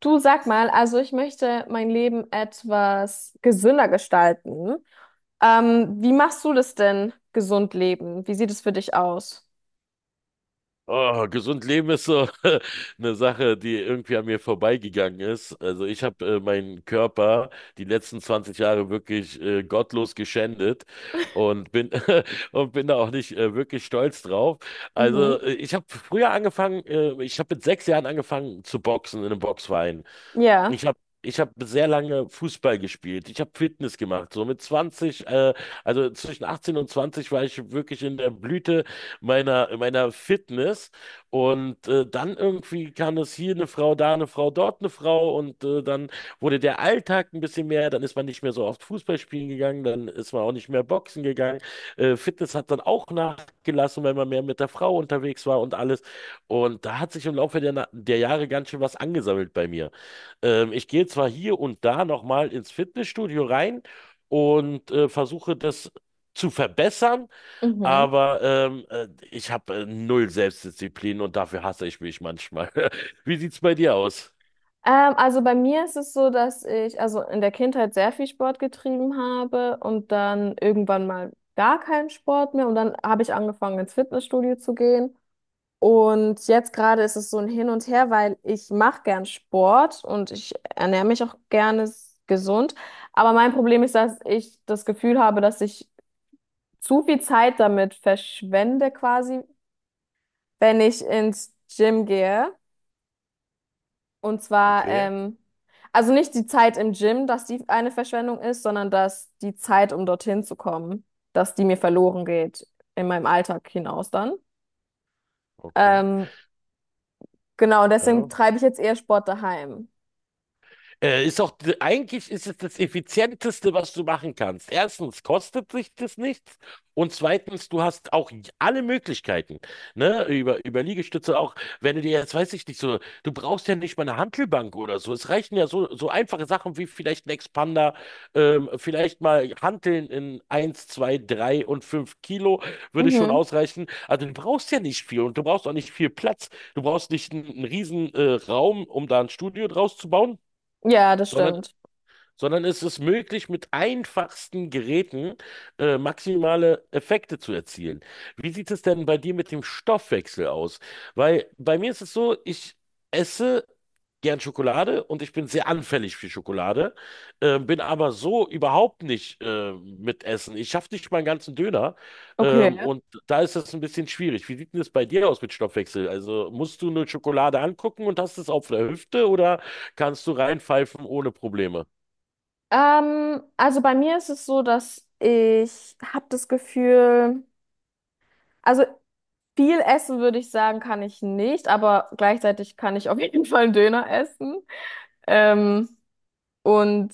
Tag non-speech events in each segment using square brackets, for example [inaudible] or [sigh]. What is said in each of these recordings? Du sag mal, also ich möchte mein Leben etwas gesünder gestalten. Wie machst du das denn, gesund leben? Wie sieht es für dich aus? Oh, gesund leben ist so [laughs] eine Sache, die irgendwie an mir vorbeigegangen ist. Also ich habe meinen Körper die letzten 20 Jahre wirklich gottlos geschändet und bin [laughs] und bin da auch nicht wirklich stolz drauf. Mhm. Also ich habe mit 6 Jahren angefangen zu boxen in einem Boxverein. Ja. Ich habe ich hab sehr lange Fußball gespielt. Ich habe Fitness gemacht. So mit 20, also zwischen 18 und 20 war ich wirklich in der Blüte meiner Fitness. Und dann irgendwie kam es hier eine Frau, da eine Frau, dort eine Frau. Und dann wurde der Alltag ein bisschen mehr. Dann ist man nicht mehr so oft Fußball spielen gegangen. Dann ist man auch nicht mehr Boxen gegangen. Fitness hat dann auch nachgelassen, weil man mehr mit der Frau unterwegs war und alles. Und da hat sich im Laufe der Jahre ganz schön was angesammelt bei mir. Ich gehe zwar hier und da nochmal ins Fitnessstudio rein und versuche das zu verbessern, Mhm. aber ich habe null Selbstdisziplin und dafür hasse ich mich manchmal. [laughs] Wie sieht's bei dir aus? Also bei mir ist es so, dass ich also in der Kindheit sehr viel Sport getrieben habe und dann irgendwann mal gar keinen Sport mehr, und dann habe ich angefangen ins Fitnessstudio zu gehen. Und jetzt gerade ist es so ein Hin und Her, weil ich mache gern Sport und ich ernähre mich auch gerne gesund. Aber mein Problem ist, dass ich das Gefühl habe, dass ich zu viel Zeit damit verschwende quasi, wenn ich ins Gym gehe. Und zwar, Okay, also nicht die Zeit im Gym, dass die eine Verschwendung ist, sondern dass die Zeit, um dorthin zu kommen, dass die mir verloren geht in meinem Alltag hinaus dann. okay. Ähm, genau, deswegen Ja. treibe ich jetzt eher Sport daheim. Äh, ist auch, eigentlich ist es das Effizienteste, was du machen kannst. Erstens kostet sich das nichts und zweitens, du hast auch alle Möglichkeiten, ne? Über Liegestütze auch, wenn du dir jetzt, weiß ich nicht, so, du brauchst ja nicht mal eine Hantelbank oder so. Es reichen ja so, so einfache Sachen wie vielleicht ein Expander, vielleicht mal Hanteln in 1, 2, 3 und 5 Kilo würde schon Mhm. ausreichen. Also du brauchst ja nicht viel und du brauchst auch nicht viel Platz. Du brauchst nicht einen riesen, Raum, um da ein Studio draus zu bauen, Ja, das sondern stimmt. sondern es ist möglich, mit einfachsten Geräten maximale Effekte zu erzielen. Wie sieht es denn bei dir mit dem Stoffwechsel aus? Weil bei mir ist es so, ich esse gern Schokolade und ich bin sehr anfällig für Schokolade, bin aber so überhaupt nicht mit Essen. Ich schaffe nicht mal einen ganzen Döner, Okay. Ja. und da ist das ein bisschen schwierig. Wie sieht denn das bei dir aus mit Stoffwechsel? Also musst du eine Schokolade angucken und hast es auf der Hüfte oder kannst du reinpfeifen ohne Probleme? Also bei mir ist es so, dass ich habe das Gefühl, also viel essen würde ich sagen, kann ich nicht, aber gleichzeitig kann ich auf jeden Fall einen Döner essen. Ähm, und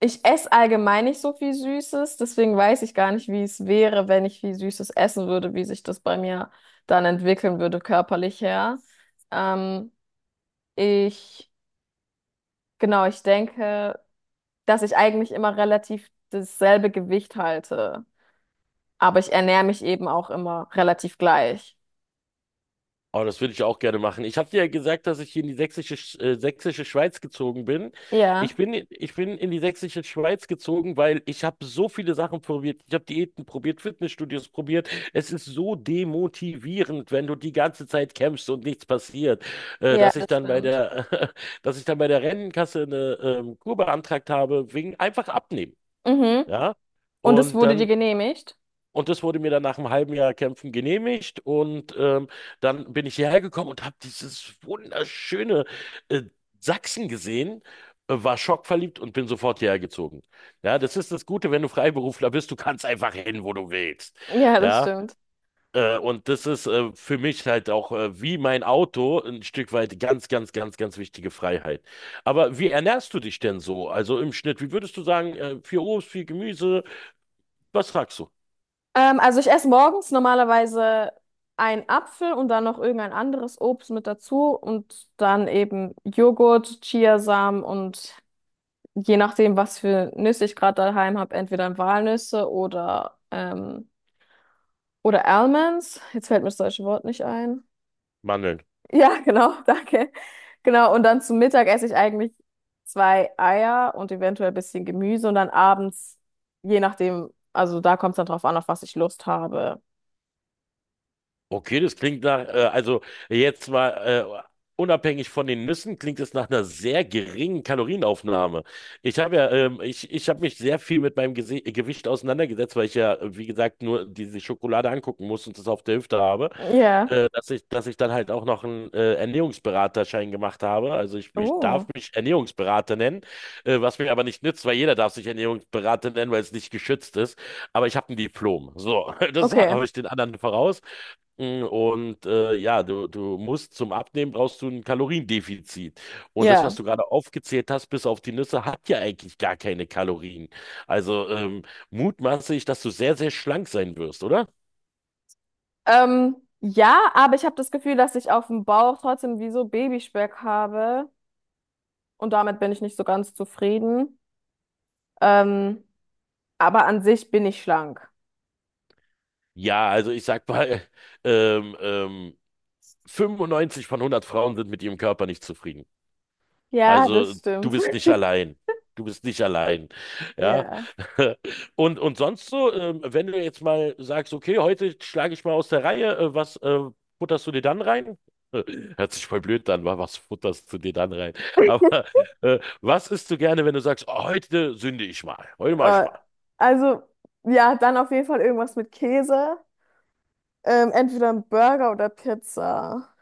ich esse allgemein nicht so viel Süßes, deswegen weiß ich gar nicht, wie es wäre, wenn ich viel Süßes essen würde, wie sich das bei mir dann entwickeln würde, körperlich her. Ähm, ich, genau, ich denke, dass ich eigentlich immer relativ dasselbe Gewicht halte. Aber ich ernähre mich eben auch immer relativ gleich. Oh, das würde ich auch gerne machen. Ich habe dir ja gesagt, dass ich hier in die sächsische Schweiz gezogen bin. Ich Ja, bin, ich bin in die sächsische Schweiz gezogen, weil ich habe so viele Sachen probiert. Ich habe Diäten probiert, Fitnessstudios probiert. Es ist so demotivierend, wenn du die ganze Zeit kämpfst und nichts passiert, ja, dass ich das dann bei stimmt. der, [laughs] dass ich dann bei der Rentenkasse eine Kur beantragt habe, wegen einfach abnehmen. Mhm. Ja. Und es Und wurde dir dann genehmigt? und das wurde mir dann nach einem halben Jahr Kämpfen genehmigt. Und dann bin ich hierher gekommen und habe dieses wunderschöne äh, Sachsen gesehen, war schockverliebt und bin sofort hierher gezogen. Ja, das ist das Gute, wenn du Freiberufler bist, du kannst einfach hin, wo du willst. Ja, das Ja, stimmt. Und das ist für mich halt auch wie mein Auto ein Stück weit ganz, ganz, ganz, ganz wichtige Freiheit. Aber wie ernährst du dich denn so? Also im Schnitt, wie würdest du sagen, viel Obst, viel Gemüse? Was fragst du? Also ich esse morgens normalerweise einen Apfel und dann noch irgendein anderes Obst mit dazu und dann eben Joghurt, Chiasamen und je nachdem, was für Nüsse ich gerade daheim habe, entweder Walnüsse oder Almonds. Jetzt fällt mir das deutsche Wort nicht ein. Mandeln. Ja, genau, [laughs] danke. Genau, und dann zum Mittag esse ich eigentlich zwei Eier und eventuell ein bisschen Gemüse und dann abends, je nachdem, also da kommt es dann drauf an, auf was ich Lust habe. Okay, das klingt nach, also jetzt mal unabhängig von den Nüssen, klingt es nach einer sehr geringen Kalorienaufnahme. Ich habe ja, ich habe mich sehr viel mit meinem Gese Gewicht auseinandergesetzt, weil ich ja, wie gesagt, nur diese Schokolade angucken muss und das auf der Hüfte habe, Ja. Dass ich dann halt auch noch einen Ernährungsberaterschein gemacht habe. Also ich darf Oh. mich Ernährungsberater nennen, was mir aber nicht nützt, weil jeder darf sich Ernährungsberater nennen, weil es nicht geschützt ist. Aber ich habe ein Diplom. So, [laughs] das Okay, habe ich den anderen voraus. Und ja, du musst zum Abnehmen brauchst du ein Kaloriendefizit. Und das, ja. was du gerade aufgezählt hast, bis auf die Nüsse, hat ja eigentlich gar keine Kalorien. Also mutmaße ich, dass du sehr, sehr schlank sein wirst, oder? Ja, aber ich habe das Gefühl, dass ich auf dem Bauch trotzdem wie so Babyspeck habe und damit bin ich nicht so ganz zufrieden. Ähm, aber an sich bin ich schlank. Ja, also ich sag mal, [laughs] ähm, ähm, 95 von 100 Frauen sind mit ihrem Körper nicht zufrieden. Ja, Also das du stimmt. bist nicht [laughs] allein. Du bist nicht allein. Ja. Ja. [laughs] Und sonst so, wenn du jetzt mal sagst, okay, heute schlage ich mal aus der Reihe, was futterst du dir dann rein? [laughs] Hört sich voll blöd an, wa? Was futterst du dir dann rein? [laughs] Aber was isst du gerne, wenn du sagst, oh, heute sünde ich mal, heute mache ich Äh, mal? also, ja, dann auf jeden Fall irgendwas mit Käse. Entweder ein Burger oder Pizza.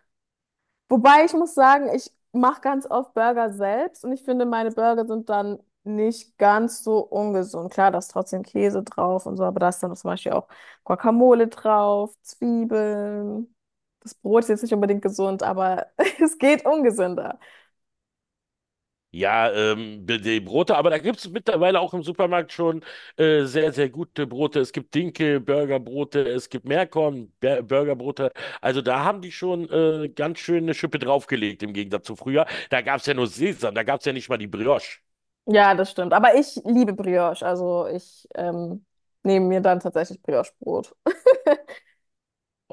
Wobei ich muss sagen, ich mache ganz oft Burger selbst und ich finde, meine Burger sind dann nicht ganz so ungesund. Klar, da ist trotzdem Käse drauf und so, aber da ist dann zum Beispiel auch Guacamole drauf, Zwiebeln. Das Brot ist jetzt nicht unbedingt gesund, aber [laughs] es geht ungesünder. Ja, die Brote, aber da gibt's mittlerweile auch im Supermarkt schon sehr, sehr gute Brote. Es gibt Dinkel, Burgerbrote, es gibt Meerkorn, Burgerbrote. Also da haben die schon ganz schön eine Schippe draufgelegt im Gegensatz zu früher. Da gab's ja nur Sesam, da gab's ja nicht mal die Brioche. Ja, das stimmt. Aber ich liebe Brioche, also ich nehme mir dann tatsächlich Brioche-Brot. [laughs]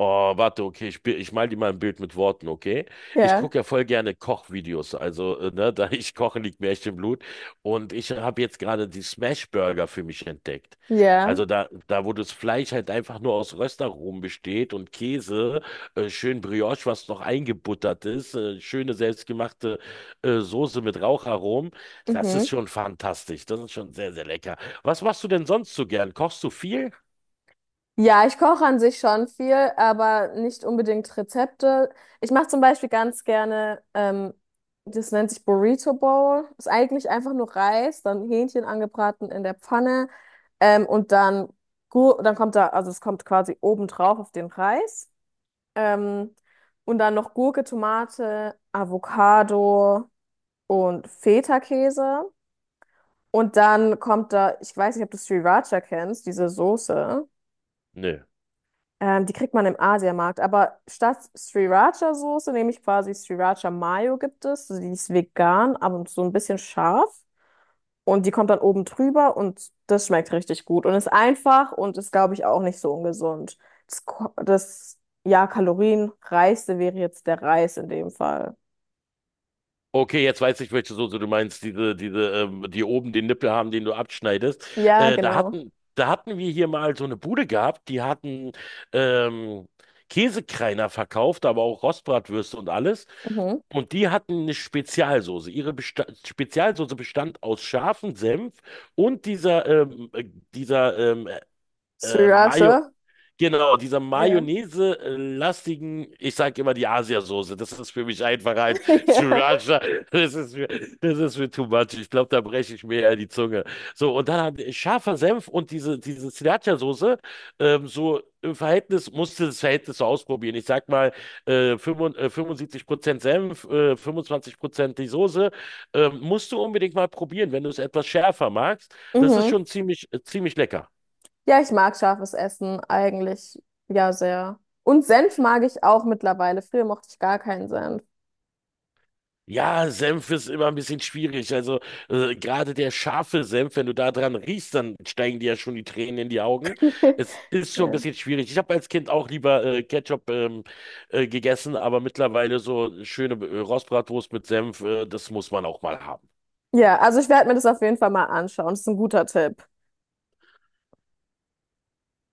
Oh, warte, okay, ich mal dir mal ein Bild mit Worten, okay? Ich Ja, gucke ja voll gerne Kochvideos, also, ne, [laughs] da ich koche, liegt mir echt im Blut. Und ich habe jetzt gerade die Smash Burger für mich entdeckt. ja, Also da, wo das Fleisch halt einfach nur aus Röstaromen besteht und Käse, schön Brioche, was noch eingebuttert ist, schöne selbstgemachte Soße mit Raucharomen, das ist mhm. schon fantastisch, das ist schon sehr, sehr lecker. Was machst du denn sonst so gern? Kochst du viel? Ja, ich koche an sich schon viel, aber nicht unbedingt Rezepte. Ich mache zum Beispiel ganz gerne, das nennt sich Burrito Bowl. Ist eigentlich einfach nur Reis, dann Hähnchen angebraten in der Pfanne, ähm, und dann, dann kommt da, also es kommt quasi oben drauf auf den Reis, ähm, und dann noch Gurke, Tomate, Avocado und Feta-Käse. Und dann kommt da, ich weiß nicht, ob du Sriracha kennst, diese Soße. Nö. Die kriegt man im Asiamarkt. Aber statt Sriracha-Soße nehme ich quasi Sriracha Mayo gibt es. Die ist vegan, aber so ein bisschen scharf. Und die kommt dann oben drüber und das schmeckt richtig gut. Und ist einfach und ist, glaube ich, auch nicht so ungesund. Das ja, kalorienreichste wäre jetzt der Reis in dem Fall. Okay, jetzt weiß ich, welche Soße du meinst, diese, die oben den Nippel haben, den du abschneidest. Ja, Äh, da genau. hatten, da hatten wir hier mal so eine Bude gehabt, die hatten ähm, Käsekreiner verkauft, aber auch Rostbratwürste und alles. Mhm. Und die hatten eine Spezialsoße. Ihre Besta Spezialsoße bestand aus scharfem Senf und dieser Mayo. Sriracha. Genau, dieser Ja. Mayonnaise-lastigen, ich sage immer die Asiasoße. Das ist für mich einfacher als [laughs] Sriracha. Das ist mir, das ist mir too much. Ich glaube, da breche ich mir eher die Zunge. So, und dann hat scharfer Senf und diese Sriracha-Soße, so im Verhältnis, musste das Verhältnis so ausprobieren. Ich sag mal, 5 75% Senf, 25% die Soße. Musst du unbedingt mal probieren, wenn du es etwas schärfer magst. Ja. Das ist Mhm. schon ziemlich, ziemlich lecker. Ja, ich mag scharfes Essen eigentlich ja sehr. Und Senf mag ich auch mittlerweile. Früher mochte ich gar keinen Senf. Ja, Senf ist immer ein bisschen schwierig. Also gerade der scharfe Senf, wenn du da dran riechst, dann steigen dir ja schon die Tränen in die Augen. [laughs] Es ist schon ein Ja. bisschen schwierig. Ich habe als Kind auch lieber Ketchup gegessen, aber mittlerweile so schöne Rostbratwurst mit Senf, das muss man auch mal haben. Ja, also ich werde mir das auf jeden Fall mal anschauen. Das ist ein guter Tipp.